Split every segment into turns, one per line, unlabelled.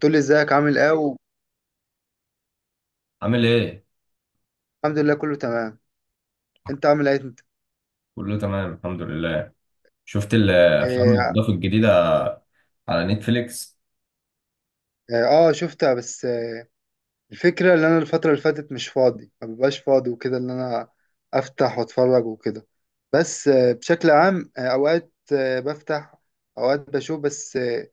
تقول لي ازيك عامل ايه؟ والحمد
عامل ايه؟
لله، كله تمام. انت عامل ايه انت؟
كله تمام الحمد لله. شفت الافلام
اه,
الاضافه الجديده على نتفليكس؟
آه آه، شفتها. بس الفكره اللي انا، الفتره اللي فاتت مش فاضي، ما ببقاش فاضي وكده، اللي انا افتح واتفرج وكده. بس بشكل عام، اوقات بفتح، اوقات بشوف. بس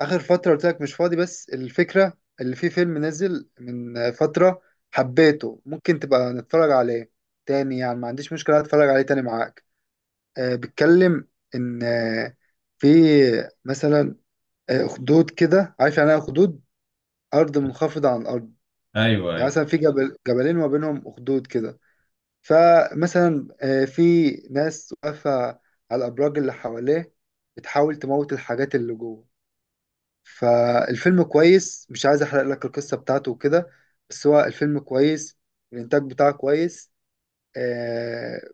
اخر فتره قلت لك مش فاضي. بس الفكره اللي في فيلم نزل من فتره، حبيته، ممكن تبقى نتفرج عليه تاني. يعني ما عنديش مشكله اتفرج عليه تاني معاك. بيتكلم ان في مثلا اخدود، كده عارف يعني ايه اخدود؟ ارض منخفضه عن الارض.
ايوه
يعني
ايوه
مثلا في جبل، جبلين ما بينهم اخدود كده. فمثلا في ناس واقفه على الابراج اللي حواليه بتحاول تموت الحاجات اللي جوه. فالفيلم كويس، مش عايز احرق لك القصه بتاعته وكده، بس هو الفيلم كويس، الانتاج بتاعه كويس. آه،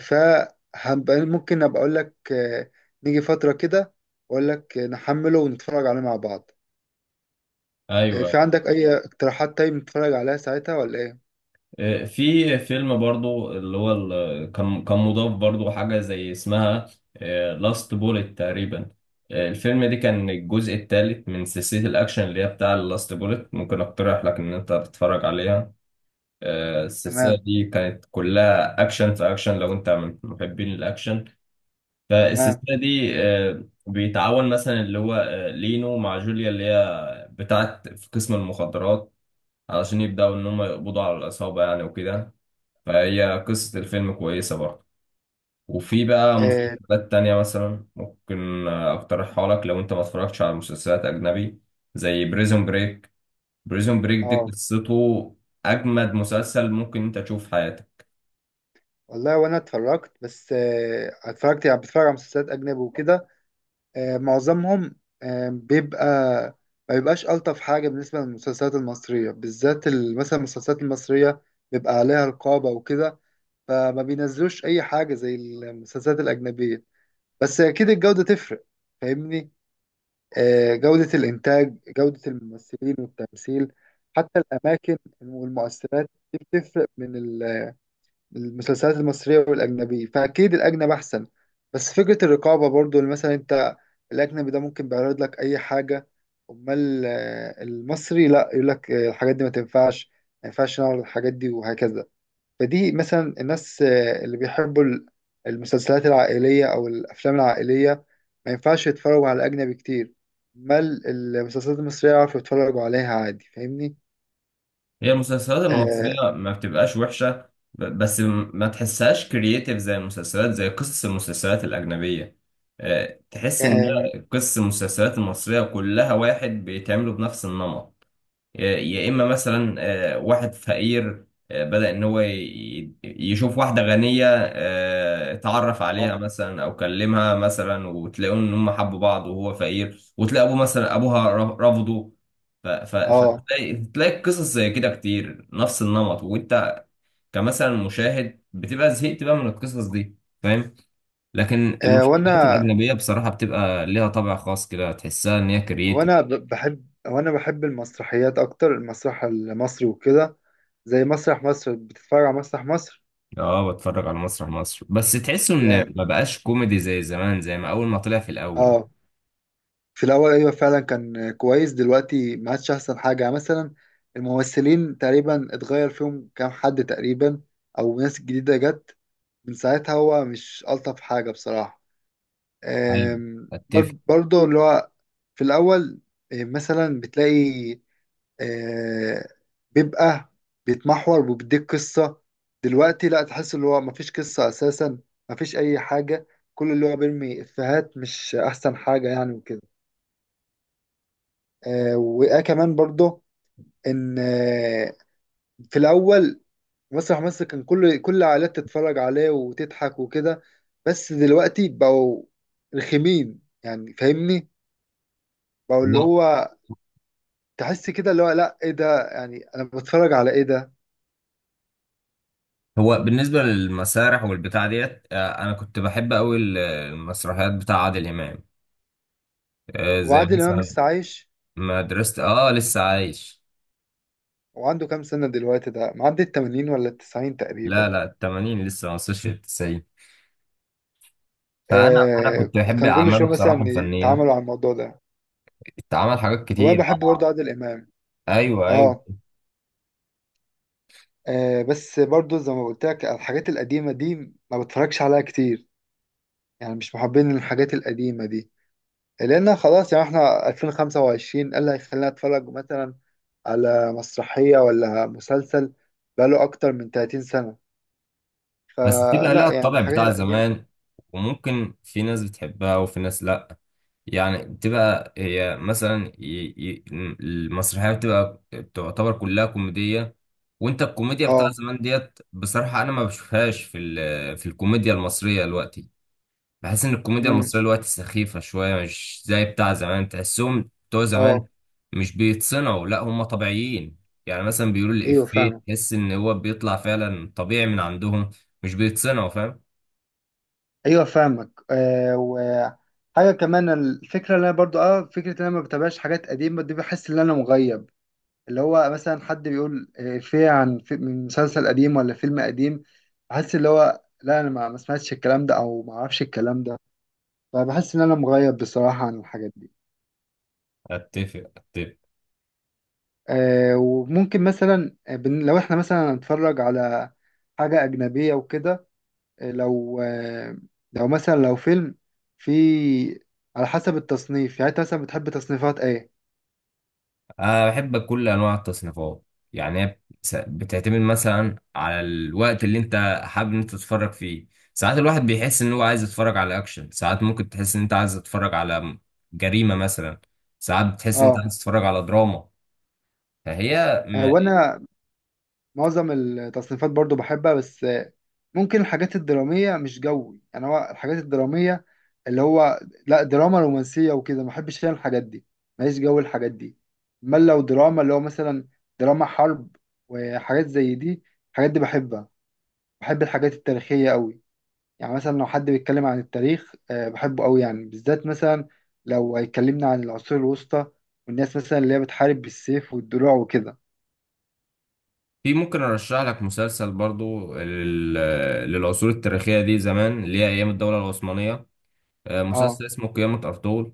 فهبقى ممكن ابقى اقول لك، نيجي فترة كده واقول لك نحمله ونتفرج عليه مع بعض.
ايوه.
في عندك اي اقتراحات؟ طيب نتفرج عليها ساعتها ولا ايه؟
في فيلم برضو اللي هو كان مضاف برضو حاجه زي اسمها لاست بوليت تقريبا. الفيلم ده كان الجزء الثالث من سلسله الاكشن اللي هي بتاع لاست بوليت، ممكن اقترح لك ان انت تتفرج عليها. السلسله
تمام.
دي كانت كلها اكشن في اكشن لو انت من محبين الاكشن.
تمام.
فالسلسلة دي بيتعاون مثلا اللي هو لينو مع جوليا اللي هي بتاعت في قسم المخدرات، علشان يبدأوا إن هم يقبضوا على العصابة يعني وكده. فهي قصة الفيلم كويسة برضه. وفي بقى
اه.
مسلسلات تانية مثلا ممكن أقترحها لك لو أنت ما اتفرجتش على مسلسلات أجنبي، زي بريزون بريك. بريزون بريك دي
آه،
قصته أجمد مسلسل ممكن أنت تشوف في حياتك.
والله وانا اتفرجت، بس اتفرجت، يعني بتفرج على مسلسلات اجنبي وكده. معظمهم بيبقى، ما بيبقاش الطف حاجة. بالنسبة للمسلسلات المصرية بالذات، مثلا المسلسلات المصرية بيبقى عليها رقابة وكده، فما بينزلوش اي حاجة زي المسلسلات الاجنبية. بس اكيد الجودة تفرق، فاهمني؟ جودة الانتاج، جودة الممثلين والتمثيل، حتى الاماكن والمؤثرات، دي بتفرق من المسلسلات المصرية والاجنبية. فاكيد الاجنبي احسن. بس فكرة الرقابة برضو، اللي مثلا انت الاجنبي ده ممكن بيعرض لك اي حاجة، امال المصري لا، يقول لك الحاجات دي ما تنفعش، ما ينفعش نعرض الحاجات دي، وهكذا. فدي مثلا الناس اللي بيحبوا المسلسلات العائلية أو الأفلام العائلية، ما ينفعش يتفرجوا على أجنبي كتير. ما المسلسلات المصرية يعرفوا يتفرجوا عليها عادي، فاهمني؟
هي المسلسلات
آه.
المصرية ما بتبقاش وحشة، بس ما تحسهاش كرييتيف زي المسلسلات، زي قصص المسلسلات الأجنبية. تحس إن
آم،
قصص المسلسلات المصرية كلها واحد، بيتعملوا بنفس النمط. يا اما مثلا واحد فقير، بدأ ان هو يشوف واحده غنيه، اتعرف عليها
آه.
مثلا او كلمها مثلا وتلاقوا ان هم حبوا بعض، وهو فقير وتلاقي ابوه مثلا ابوها رفضه. ف- ف-
آه.
فتلاقي قصص زي كده كتير نفس النمط، وانت كمثلا مشاهد بتبقى زهقت بقى من القصص دي، فاهم. لكن
آه،
المسلسلات
وأنا
الاجنبيه بصراحه بتبقى ليها طابع خاص كده، تحسها ان هي كرييتيف.
بحب، وأنا بحب المسرحيات أكتر، المسرح المصري وكده، زي مسرح مصر. بتتفرج على مسرح مصر؟
اه بتفرج على مسرح مصر، بس تحسه ان
يعني
ما بقاش كوميدي زي زمان، زي ما اول ما طلع في الاول.
آه في الأول أيوة، فعلا كان كويس. دلوقتي ما عادش أحسن حاجة. يعني مثلا الممثلين تقريبا اتغير فيهم كام حد تقريبا، أو ناس جديدة جت، من ساعتها هو مش ألطف حاجة بصراحة.
ايوه، اتفق.
برضه اللي هو في الأول مثلا بتلاقي، آه، بيبقى بيتمحور وبيديك قصة. دلوقتي لا، تحس اللي هو مفيش قصة أساسا، مفيش أي حاجة، كل اللي هو بيرمي إفيهات، مش أحسن حاجة يعني وكده. آه وآه كمان برضه ان في الاول مسرح مصر كان كل العائلات تتفرج عليه وتضحك وكده. بس دلوقتي بقوا رخمين يعني، فاهمني؟ بقوا اللي
هو
هو تحس كده اللي هو لا، ايه ده؟ يعني انا بتفرج على ايه ده؟
هو بالنسبه للمسارح والبتاع ديت، انا كنت بحب قوي المسرحيات بتاع عادل امام. زي
وعادل امام
مثلا
لسه عايش،
مدرسه. اه لسه عايش.
وعنده كام سنة دلوقتي؟ ده معدي ال 80 ولا ال 90
لا
تقريبا؟
لا، ال 80 لسه ما وصلش لل 90. فانا
آه.
كنت بحب
كان كل
اعماله
شوية
بصراحه
مثلا
الفنيه.
يتعاملوا على الموضوع ده.
اتعمل حاجات
هو انا
كتير.
بحب برضه عادل امام.
ايوه ايوه.
اه. بس برضو زي ما قلت لك، الحاجات القديمة دي ما بتفرجش عليها كتير، يعني مش محبين الحاجات القديمة دي. لأن خلاص، يعني احنا 2025، إيه اللي هيخلينا أتفرج مثلا على مسرحية ولا مسلسل بقاله أكتر من 30 سنة؟
بس بتبقى لها
فلا يعني
الطابع
الحاجات
بتاع
القديمة.
زمان، وممكن في ناس بتحبها وفي ناس لأ. يعني بتبقى هي مثلا المسرحية بتبقى بتعتبر كلها كوميدية، وانت الكوميديا بتاع
اه.
زمان ديت بصراحة انا ما بشوفهاش في في الكوميديا المصرية دلوقتي. بحس ان الكوميديا
امم.
المصريه دلوقتي سخيفه شويه، مش زي بتاع زمان. تحسهم بتوع زمان
اه.
مش بيتصنعوا، لا هم طبيعيين. يعني مثلا بيقولوا
ايوه
الافيه
فاهمك.
تحس ان هو بيطلع فعلا طبيعي من عندهم، مش بيتصنعوا، فاهم.
ايوه فاهمك. وحاجة كمان، الفكرة اللي انا برضو فكرة ان انا ما بتابعش حاجات قديمة دي، بحس ان انا مغيب. اللي هو مثلا حد بيقول إفيه عن في من مسلسل قديم ولا فيلم قديم، بحس اللي هو لا، أنا ما سمعتش الكلام ده أو ما أعرفش الكلام ده. فبحس إن أنا مغيب بصراحة عن الحاجات دي.
اتفق اتفق.
وممكن مثلا، لو إحنا مثلا نتفرج على حاجة أجنبية وكده، آه، لو آه، لو مثلا لو فيلم في، على حسب التصنيف. يعني أنت مثلا بتحب تصنيفات إيه؟
انا بحب كل انواع التصنيفات. يعني هي بتعتمد مثلا على الوقت اللي انت حابب ان انت تتفرج فيه. ساعات الواحد بيحس ان هو عايز يتفرج على اكشن، ساعات ممكن تحس ان انت عايز تتفرج على جريمه مثلا، ساعات بتحس ان انت
أه.
عايز تتفرج على دراما. فهي
وأنا معظم التصنيفات برضو بحبها، بس ممكن الحاجات الدرامية مش جوي. يعني هو الحاجات الدرامية اللي هو لا، دراما رومانسية وكده، ما بحبش انا الحاجات دي، ماليش جو الحاجات دي. امال لو دراما اللي هو مثلا دراما حرب وحاجات زي دي، الحاجات دي بحبها. بحب الحاجات التاريخية قوي، يعني مثلا لو حد بيتكلم عن التاريخ بحبه قوي. يعني بالذات مثلا لو هيكلمنا عن العصور الوسطى، والناس مثلا اللي هي بتحارب بالسيف والدروع وكده.
في ممكن ارشح لك مسلسل برضو للعصور التاريخيه دي زمان، اللي هي ايام الدوله العثمانيه.
اه.
مسلسل اسمه قيامه ارطغرل.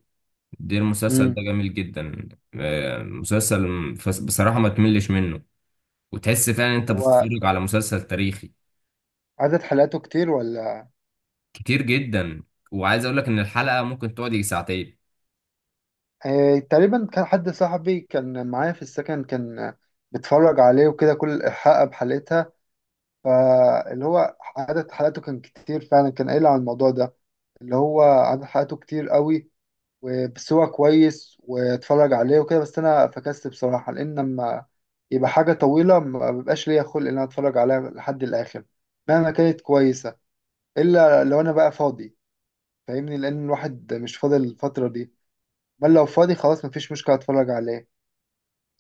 ده المسلسل ده
امم.
جميل جدا. مسلسل بصراحه ما تملش منه، وتحس فعلا انت بتتفرج على مسلسل تاريخي.
عدد حلقاته كتير ولا؟
كتير جدا. وعايز اقول لك ان الحلقه ممكن تقعد يجي ساعتين.
آه تقريبا، كان حد صاحبي كان معايا في السكن كان بيتفرج عليه وكده، كل حلقة بحلقتها. فاللي هو عدد حلقاته كان كتير فعلا، كان قايل على الموضوع ده، اللي هو عدد حلقاته كتير قوي. وبس هو كويس، واتفرج عليه وكده. بس انا فكست بصراحة، لان لما يبقى حاجة طويلة ما بيبقاش ليا خلق ان انا اتفرج عليها لحد الاخر مهما كانت كويسة، الا لو انا بقى فاضي، فاهمني؟ لان الواحد مش فاضي الفترة دي. بل لو فاضي خلاص مفيش مشكلة، اتفرج عليه.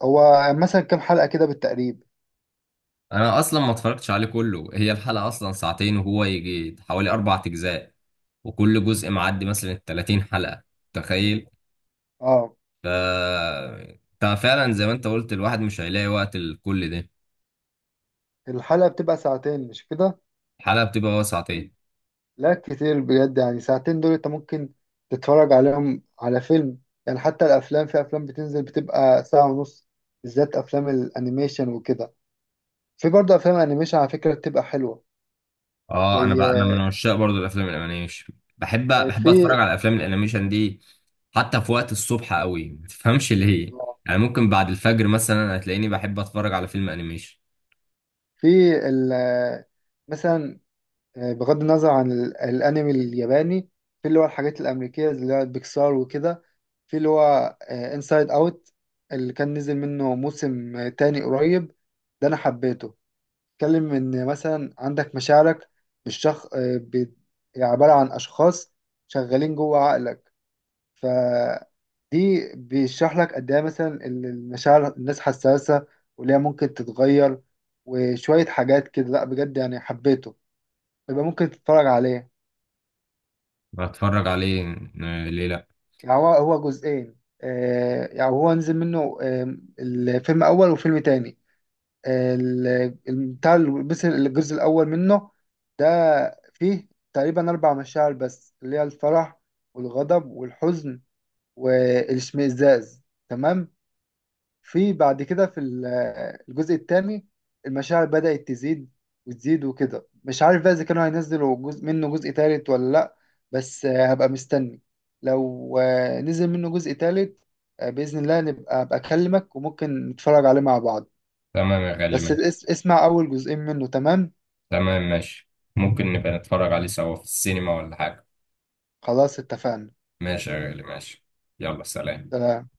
هو مثلا كام حلقة كده بالتقريب؟
انا اصلا ما اتفرجتش عليه كله، هي الحلقه اصلا ساعتين وهو يجي حوالي اربع اجزاء، وكل جزء معدي مثلا 30 حلقه، تخيل.
اه.
ف انت فعلا زي ما انت قلت الواحد مش هيلاقي وقت لكل ده.
الحلقة بتبقى ساعتين مش كده؟
الحلقه بتبقى وسعتين.
لا كتير بجد، يعني ساعتين دول انت ممكن تتفرج عليهم على فيلم. يعني حتى الافلام، في افلام بتنزل بتبقى ساعة ونص، بالذات افلام الانيميشن وكده. في برضه افلام انيميشن على فكرة بتبقى حلوة.
اه انا بقى انا
زي
من عشاق برضو الافلام الانيميشن، بحب اتفرج
في
على الافلام الانيميشن دي حتى في وقت الصبح قوي، ما تفهمش ليه.
آه،
يعني ممكن بعد الفجر مثلا هتلاقيني بحب اتفرج على فيلم انيميشن.
في ال مثلا بغض النظر عن الانمي الياباني، في اللي هو الحاجات الامريكيه اللي هو بيكسار وكده، في اللي هو انسايد اوت. اللي كان نزل منه موسم تاني قريب. ده انا حبيته. اتكلم ان مثلا عندك مشاعرك بالشخص، عباره عن اشخاص شغالين جوه عقلك. ف دي بيشرح لك قد ايه مثلا المشاعر، الناس حساسه وليه ممكن تتغير، وشويه حاجات كده. لا بجد يعني حبيته، يبقى ممكن تتفرج عليه.
بتفرج عليه، ليه لا.
يعني هو جزئين. يعني هو نزل منه الفيلم أول وفيلم تاني. بس الجزء الأول منه ده فيه تقريبا أربع مشاعر بس، اللي هي الفرح والغضب والحزن والاشمئزاز، تمام؟ في بعد كده في الجزء الثاني المشاعر بدأت تزيد وتزيد وكده. مش عارف بقى إذا كانوا هينزلوا جزء ثالث ولا لأ. بس هبقى مستني، لو نزل منه جزء ثالث، بإذن الله نبقى، أبقى أكلمك وممكن نتفرج عليه مع بعض.
تمام يا غالي، ماشي.
اسمع أول جزئين منه، تمام؟
تمام ماشي. ممكن نبقى نتفرج عليه سوا في السينما ولا حاجه.
خلاص، اتفقنا.
ماشي يا غالي ماشي. يلا سلام.
سلام.